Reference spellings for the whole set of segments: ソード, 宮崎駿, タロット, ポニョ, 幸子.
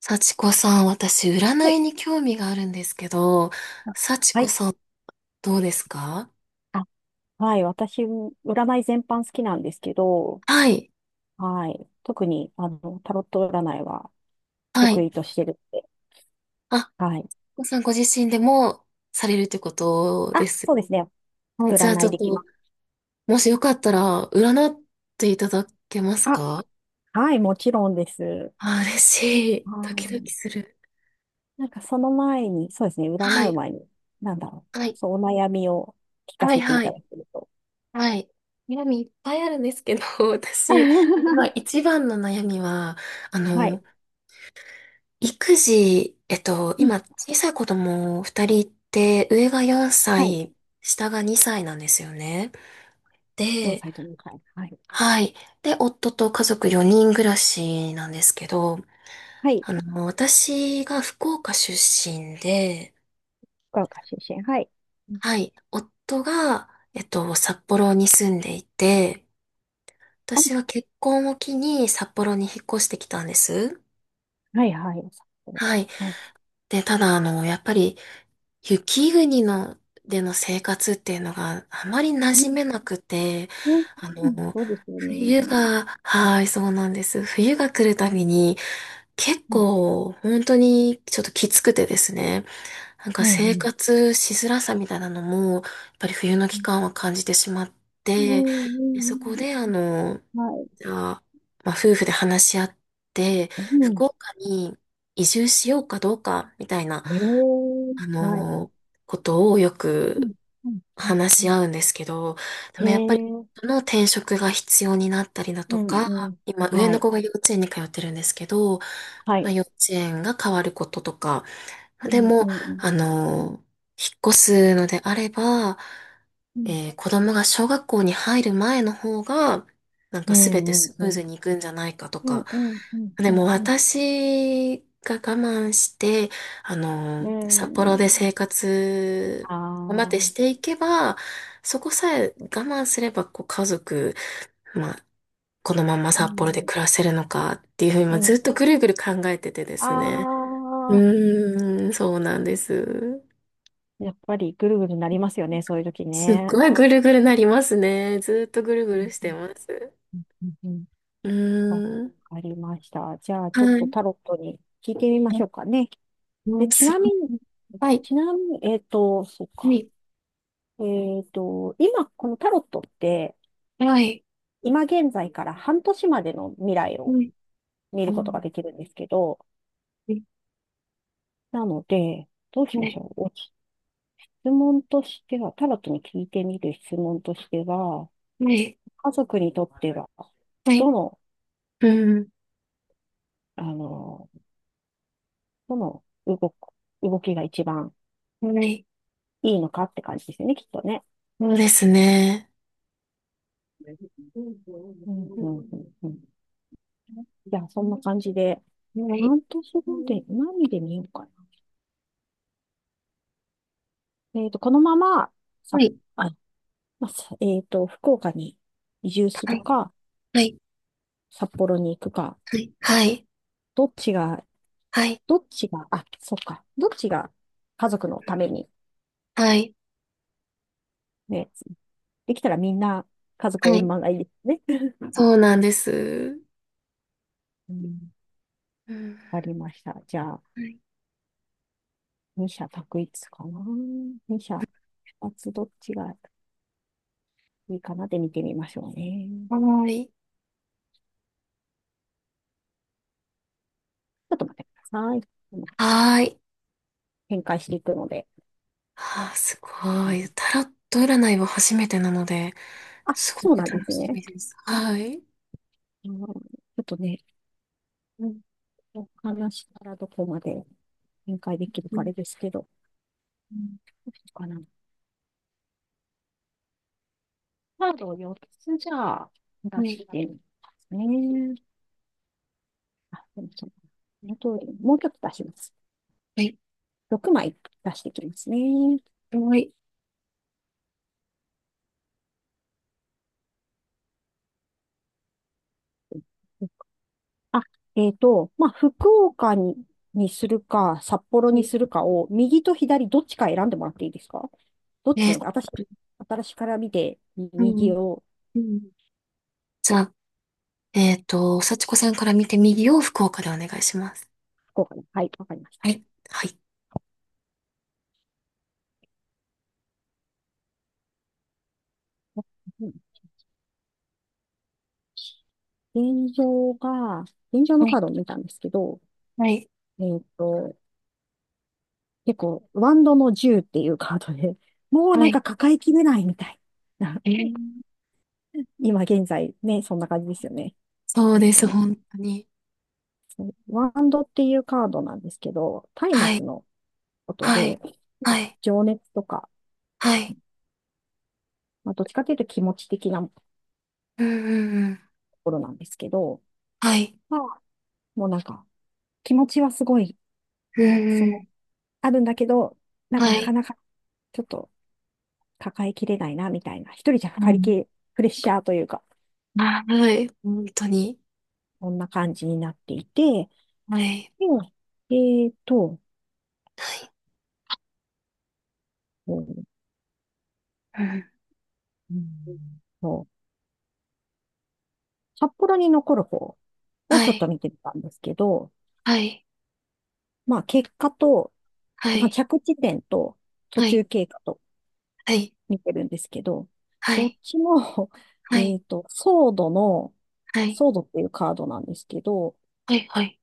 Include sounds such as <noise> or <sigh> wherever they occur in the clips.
幸子さん、私、占はいいに興味があるんですけど、あ幸は子い。さん、どうですか？あ、はい。私、占い全般好きなんですけど、はい、はい。特に、タロット占いはは得い。意としてるって。あ、はい。幸子さんご自身でもされるってことあ、でそす。うですね。もうじゃあ占ちょいっできまと、す。もしよかったら、占っていただけますあ、か？はい。もちろんです。あ、嬉しい。ドキドはキする。い。その前に、そうですね。占はうい、前に、なんだろう。はい、そう、お悩みを聞かはい、せていはたい、だけると。はい。悩みいっぱいあるんですけど、<laughs> 私、今 <laughs> 一番の悩みは、あはい。の、育児、うん、今、小さい子供二人いて、上が4はい。歳、下が2歳なんですよね。4で、歳と2い、はい。はい。で、夫と家族4人暮らしなんですけど、はい。あの、私が福岡出身で、福岡出身。はい。うん、はい。夫が、札幌に住んでいて、あ、私は結婚を機に札幌に引っ越してきたんです。はい、はい。はい。はい。で、ただ、あの、やっぱり、雪国のでの生活っていうのがあまり馴染めなくて、うん、あの、そうですよね。冬が、はい、そうなんです。冬が来るうたん。びに結うん構本当にちょっときつくてですね、なんかう生ん活しづらさみたいなのも、やっぱり冬のう期ん間は感じてしまっうて、んうで、そこんであの、うん。はい。じゃあ、まあ、夫婦で話し合って、うん、福岡に移住しようかどうかみたいな、へえ、あはい。の、ことをようんくうんうん話うしん。合うんですけど、でへもやっぱり、え、この転職が必要になったりだうとんか、うん。今、上はのい。子が幼稚園に通ってるんですけど、はまあ、い。幼稚園が変わることとか、うでん。うも、ん。うん。あの、引っ越すのであれば、うん。子供が小学校に入る前の方が、なんかう全てんうんスムーうん。ズにいくんじゃないかとうか。んうんうんでうもんうん。私が我慢して、あの、ー札幌で生活あを待ってー。していけば、そこさえ我慢すれば、こう家族、まあ、このままう札幌でん。暮らせるのかっていうふうに、うまずっん。とぐるぐる考えててであすね。ー、うーん、そうなんです。やっぱりぐるぐるなりますよね、そういう時すっね。ごいぐるぐるなりますね。ずっとぐるぐうるんしうてんます。うんうんうん。うわーん。かりました。じゃあ、ちはょっとい。タロットに聞いてみましょうかね。うで、ん、ちすなごみに、い。はい。そうか。今、このタロットって、はい。今現在から半年までの未来をは見ることができるんですけど、なので、どうしましょう。お質問としては、タロットに聞いてみる質問としては、い。家族にとっては、はい。どの、うん。あの、どの動く、動きが一番はい。はい。はい。うん。はい。いいのかって感じですよね、きっとね。そうですね。うんううんうんうん。じゃあ、そんな感じで、ん、はい。半年後で、何で見ようかな。このまま、はさ、い。あ、まあ、さえっと、福岡に移住すはるい。か、は札幌に行くか、い。はい。どっちが、はい。どっちが、あ、そっか、どっちが家族のために、はい。ね、できたらみんな家族は円い。満がいいですね。そうなんです。うん。うん。わかりました。じゃあ、はい。二者択一かな。二者、二つどっちがいいかなで見てみましょうね。はい。ちょっと待ってください。はい。展開していくので。あー、すあごのい。タロット占いは初めてなので、あ、すごそうくなんで楽すしね。みです。はい。うん、ちょっとね、うん。お話からどこまで展開できるうかあん。れですけど、どうん、うしようかな。カードを4つじゃあ出はい。してみますね。でもそうあと、もう一つ出します。はい。6枚出してきますね。あ、福岡に、にするか、札幌はにい。するかを、右と左どっちか選んでもらっていいですか？どっちえに、ーっと、私から見て、う右ん、をうん。じゃあ、えーっと、幸子さんから見て右を福岡でお願いします。こうかな。はい、わかりました。はい。はい。うん、現状のはカい。ードを見たんですけど、はい。えっと、結構、ワンドの10っていうカードで、<laughs> もうはなんい。か抱えきれないみたいな。えー、 <laughs> 今現在ね、そんな感じですよね。そう本で当す、に。本当に。ワンドっていうカードなんですけど、松は明い。のことはで、い。まはあ、い。情熱とか、はい。まあ、どっちかというと気持ち的なとうんうんうん。ころなんですけど、はい。まあ、もうなんか、気持ちはすごい、うそんの、うん。あるんだけど、なんかはなかい。なか、ちょっと抱えきれないな、みたいな。一人じゃう抱りきん。れ、プレッシャーというか、はい。本当に。こんな感じになっていて、はい。で、えっと、はい。うんうん。うんと、札幌に残る方をはちょっい。と見てみたんですけど、はい。まあ結果と、はまあい。着地点と途は中い。経過とはい。見てるんですけど、はどっい。ちも、<laughs> はソードの、い。ソードっていうカードなんですけど、はい。はい。はい。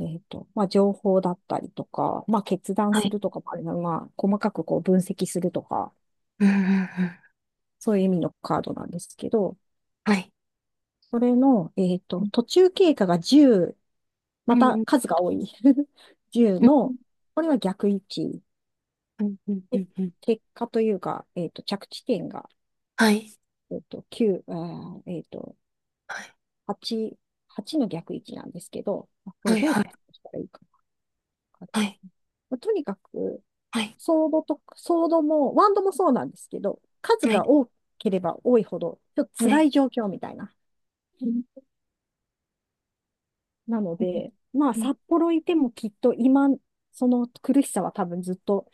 まあ、情報だったりとか、まあ、決断はすい。るとかもあるな、まあ、細かくこう分析するとか、うんうんうん。そういう意味のカードなんですけど、はい。それの、うん途中経過が10、うまたん数が多い10 <laughs> うん、の、これは逆位置。うん、うん、うでん。うん、結果というか、着地点が、はい、9、ーえっと、はい、8、8の逆位置なんですけど、これはい、どうはい、説明したらいいかはい、な。とにかく、はい、ソードも、ワンドもそうなんですけど、数はがい、多ければ多いほど、ちょっとは辛い。い状況みたいな。うん、なのうん、で、まあ、うん。札幌いてもきっと今、その苦しさは多分ずっと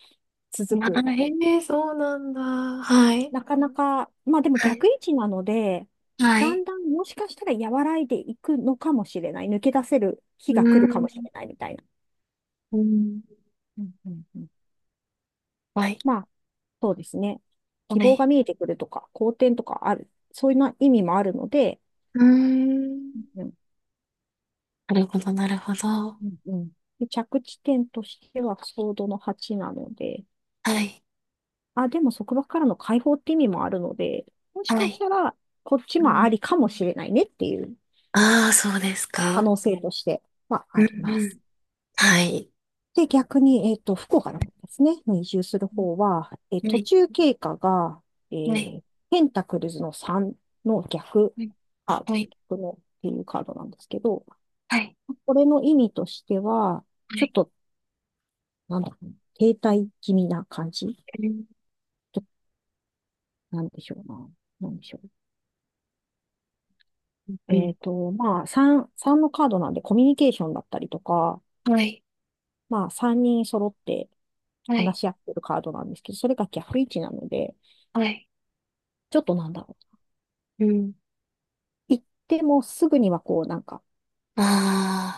う続ん、あ、く。へえ、そうなんだ。はい、なかなか、まあでもはい、逆位置なので、はだい。んだんもしかしたら和らいでいくのかもしれない。抜け出せる日うが来るかん、もしれないみたいな。うん。うん。うんうん、はい、まあ、そうですね。は希望がい。見えてくるとか、好転とかある。そういうな意味もあるので、うん。うんなるほど、なるほど。うんうん。で着地点としてはソードの8なので、はい、あ、でも束縛からの解放って意味もあるので、もしはかしい。たらこっちうもん、ありかもしれないねっていうああ、そうです可か。能性としてはうありん、まうす。ん。はい。で、逆に、福岡の方ですね、に移住する方は、は途い、中経過が、えはい、ーペンタクルズの3の逆、あ、はい、はい、逆のっていうカードなんですけど、はい。これの意味としては、はちょっい、と、なんだろう、停滞気味な感じ。うん、なんでしょうな。なんでしょう。うん、まあ、3のカードなんでコミュニケーションだったりとか、はい、まあ、3人揃ってはい、話し合ってるカードなんですけど、それが逆位置なので、はい。ちょっとなんだろうん、う。行ってもすぐにはこう、なんか、あ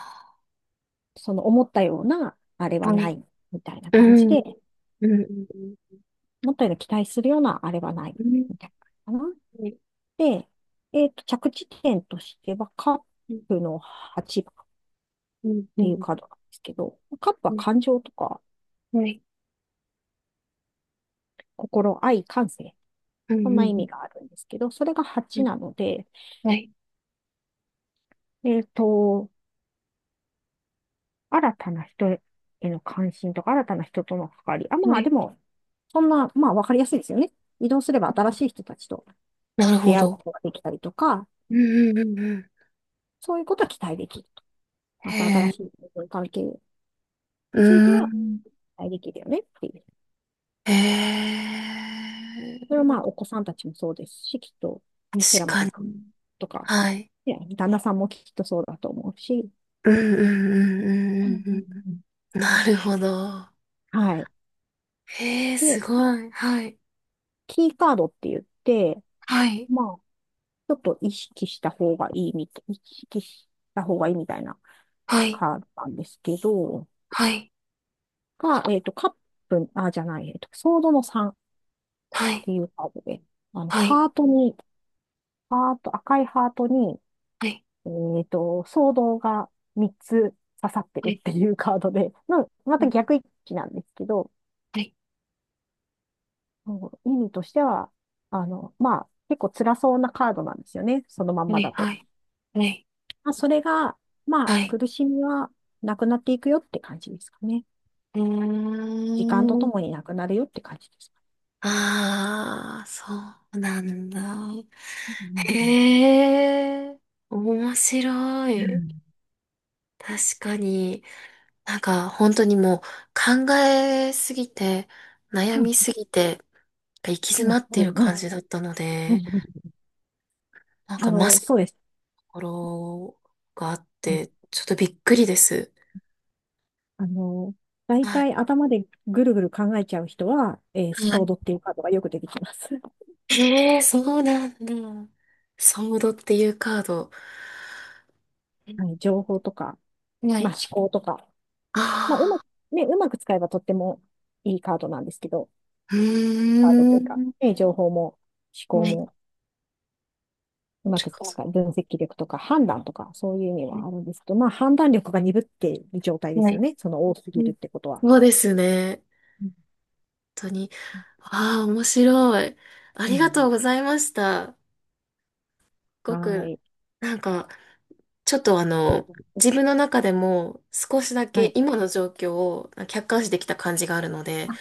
その思ったような、あれあ、ははない。い、みたいなう感じん、うで、ん、うん、思ったような期待するような、あれはない、うん、みたいなのかな。はい、で、着地点としては、カッうん、プの8番っうん、ていうカードなんですけど、カップはうん、感情とか、はい、心、愛、感性、うん、うそんなん、意うん味があるんですけど、それがう8ん、なので、はい、えっと、新たな人への関心とか、新たな人との関わり。あ、はまあい。でも、そんな、まあわかりやすいですよね。移動すれば新しい人たちとなるほ出会うど。ことができたりとか、うん、うん、うん、うん。そういうことは期待できると。またへ新え、しい関係にうついてはん、期待できるよねっていう。へそえ、れはまあお子さんたちもそうですし、きっと確寺か本に。さんとか、はい。ね、旦那さんもきっとそうだと思うし、うん、うん、うん、うん、うんうん。なるほど。はい。へえ、で、すごい。はい、キーカードって言って、はい、まあ、ちょっと意識した方がいいみたい、意識した方がいいみたいなはい、カードなんですけど、はい、が、えっと、カップ、あ、じゃない、えっと、ソードの3っはい、ていうカードで、はい、ハートに、ハート、赤いハートに、はソードが3つ刺さってるい、っていうカードで、<laughs> の、また逆位置なんですけど、はい、はい、意味としては、まあ、結構辛そうなカードなんですよね、そのまんはまい、だと。はい、はい。まあ、それが、まあ、はい、苦しみはなくなっていくよって感じですかね。う時間とーとん。もになくなるよって感じですかああ、そうなんだ。ね。うん。うへえ、面白い。確かに、なんか本当にもう考えすぎて、悩みんすぎて、行き詰うまんってういるんうんうん感じだったのうんで、うんうんなんかまさにとそうです。ころがあっうんて、ちょっとびっくりです。あの、大はい。体頭でぐるぐる考えちゃう人は、はソーい。ドっていうカードがよく出てきます。<laughs> へえ、そうなんだ。ソードっていうカード。うん、はい、情報とか、はまあ、い。思考とか、まあ、うまあく、あ。ね、うまく使えばとってもいいカードなんですけど、うカードとーいうか、ん。ね、情報も思は考ねい。もうまちくょっ使う、分析力とか判断とか、そういう意味と、はあるんですけど、まあ判断力が鈍っている状態ではすよい。ね。その多すうぎん、るってことは。そうですね。うん。本当に。ああ、面白い。あうりがんとうございました。すごはく、い。なんか、ちょっとあの、自分の中でも少しだはけい。今の状況を客観視できた感じがあるので、あ、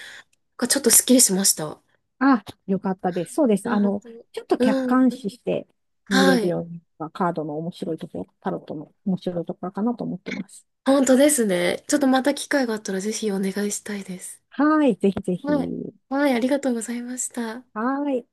ちょっとスッキリしました。あ、あ、よかったです。そうです。本当。ちょっと客うん。観視して見れはるい。ようになカードの面白いところ、タロットの面白いところかなと思ってます。本当ですね。ちょっとまた機会があったらぜひお願いしたいです。はい。ぜひぜはい。ひ。はい、ありがとうございました。はい。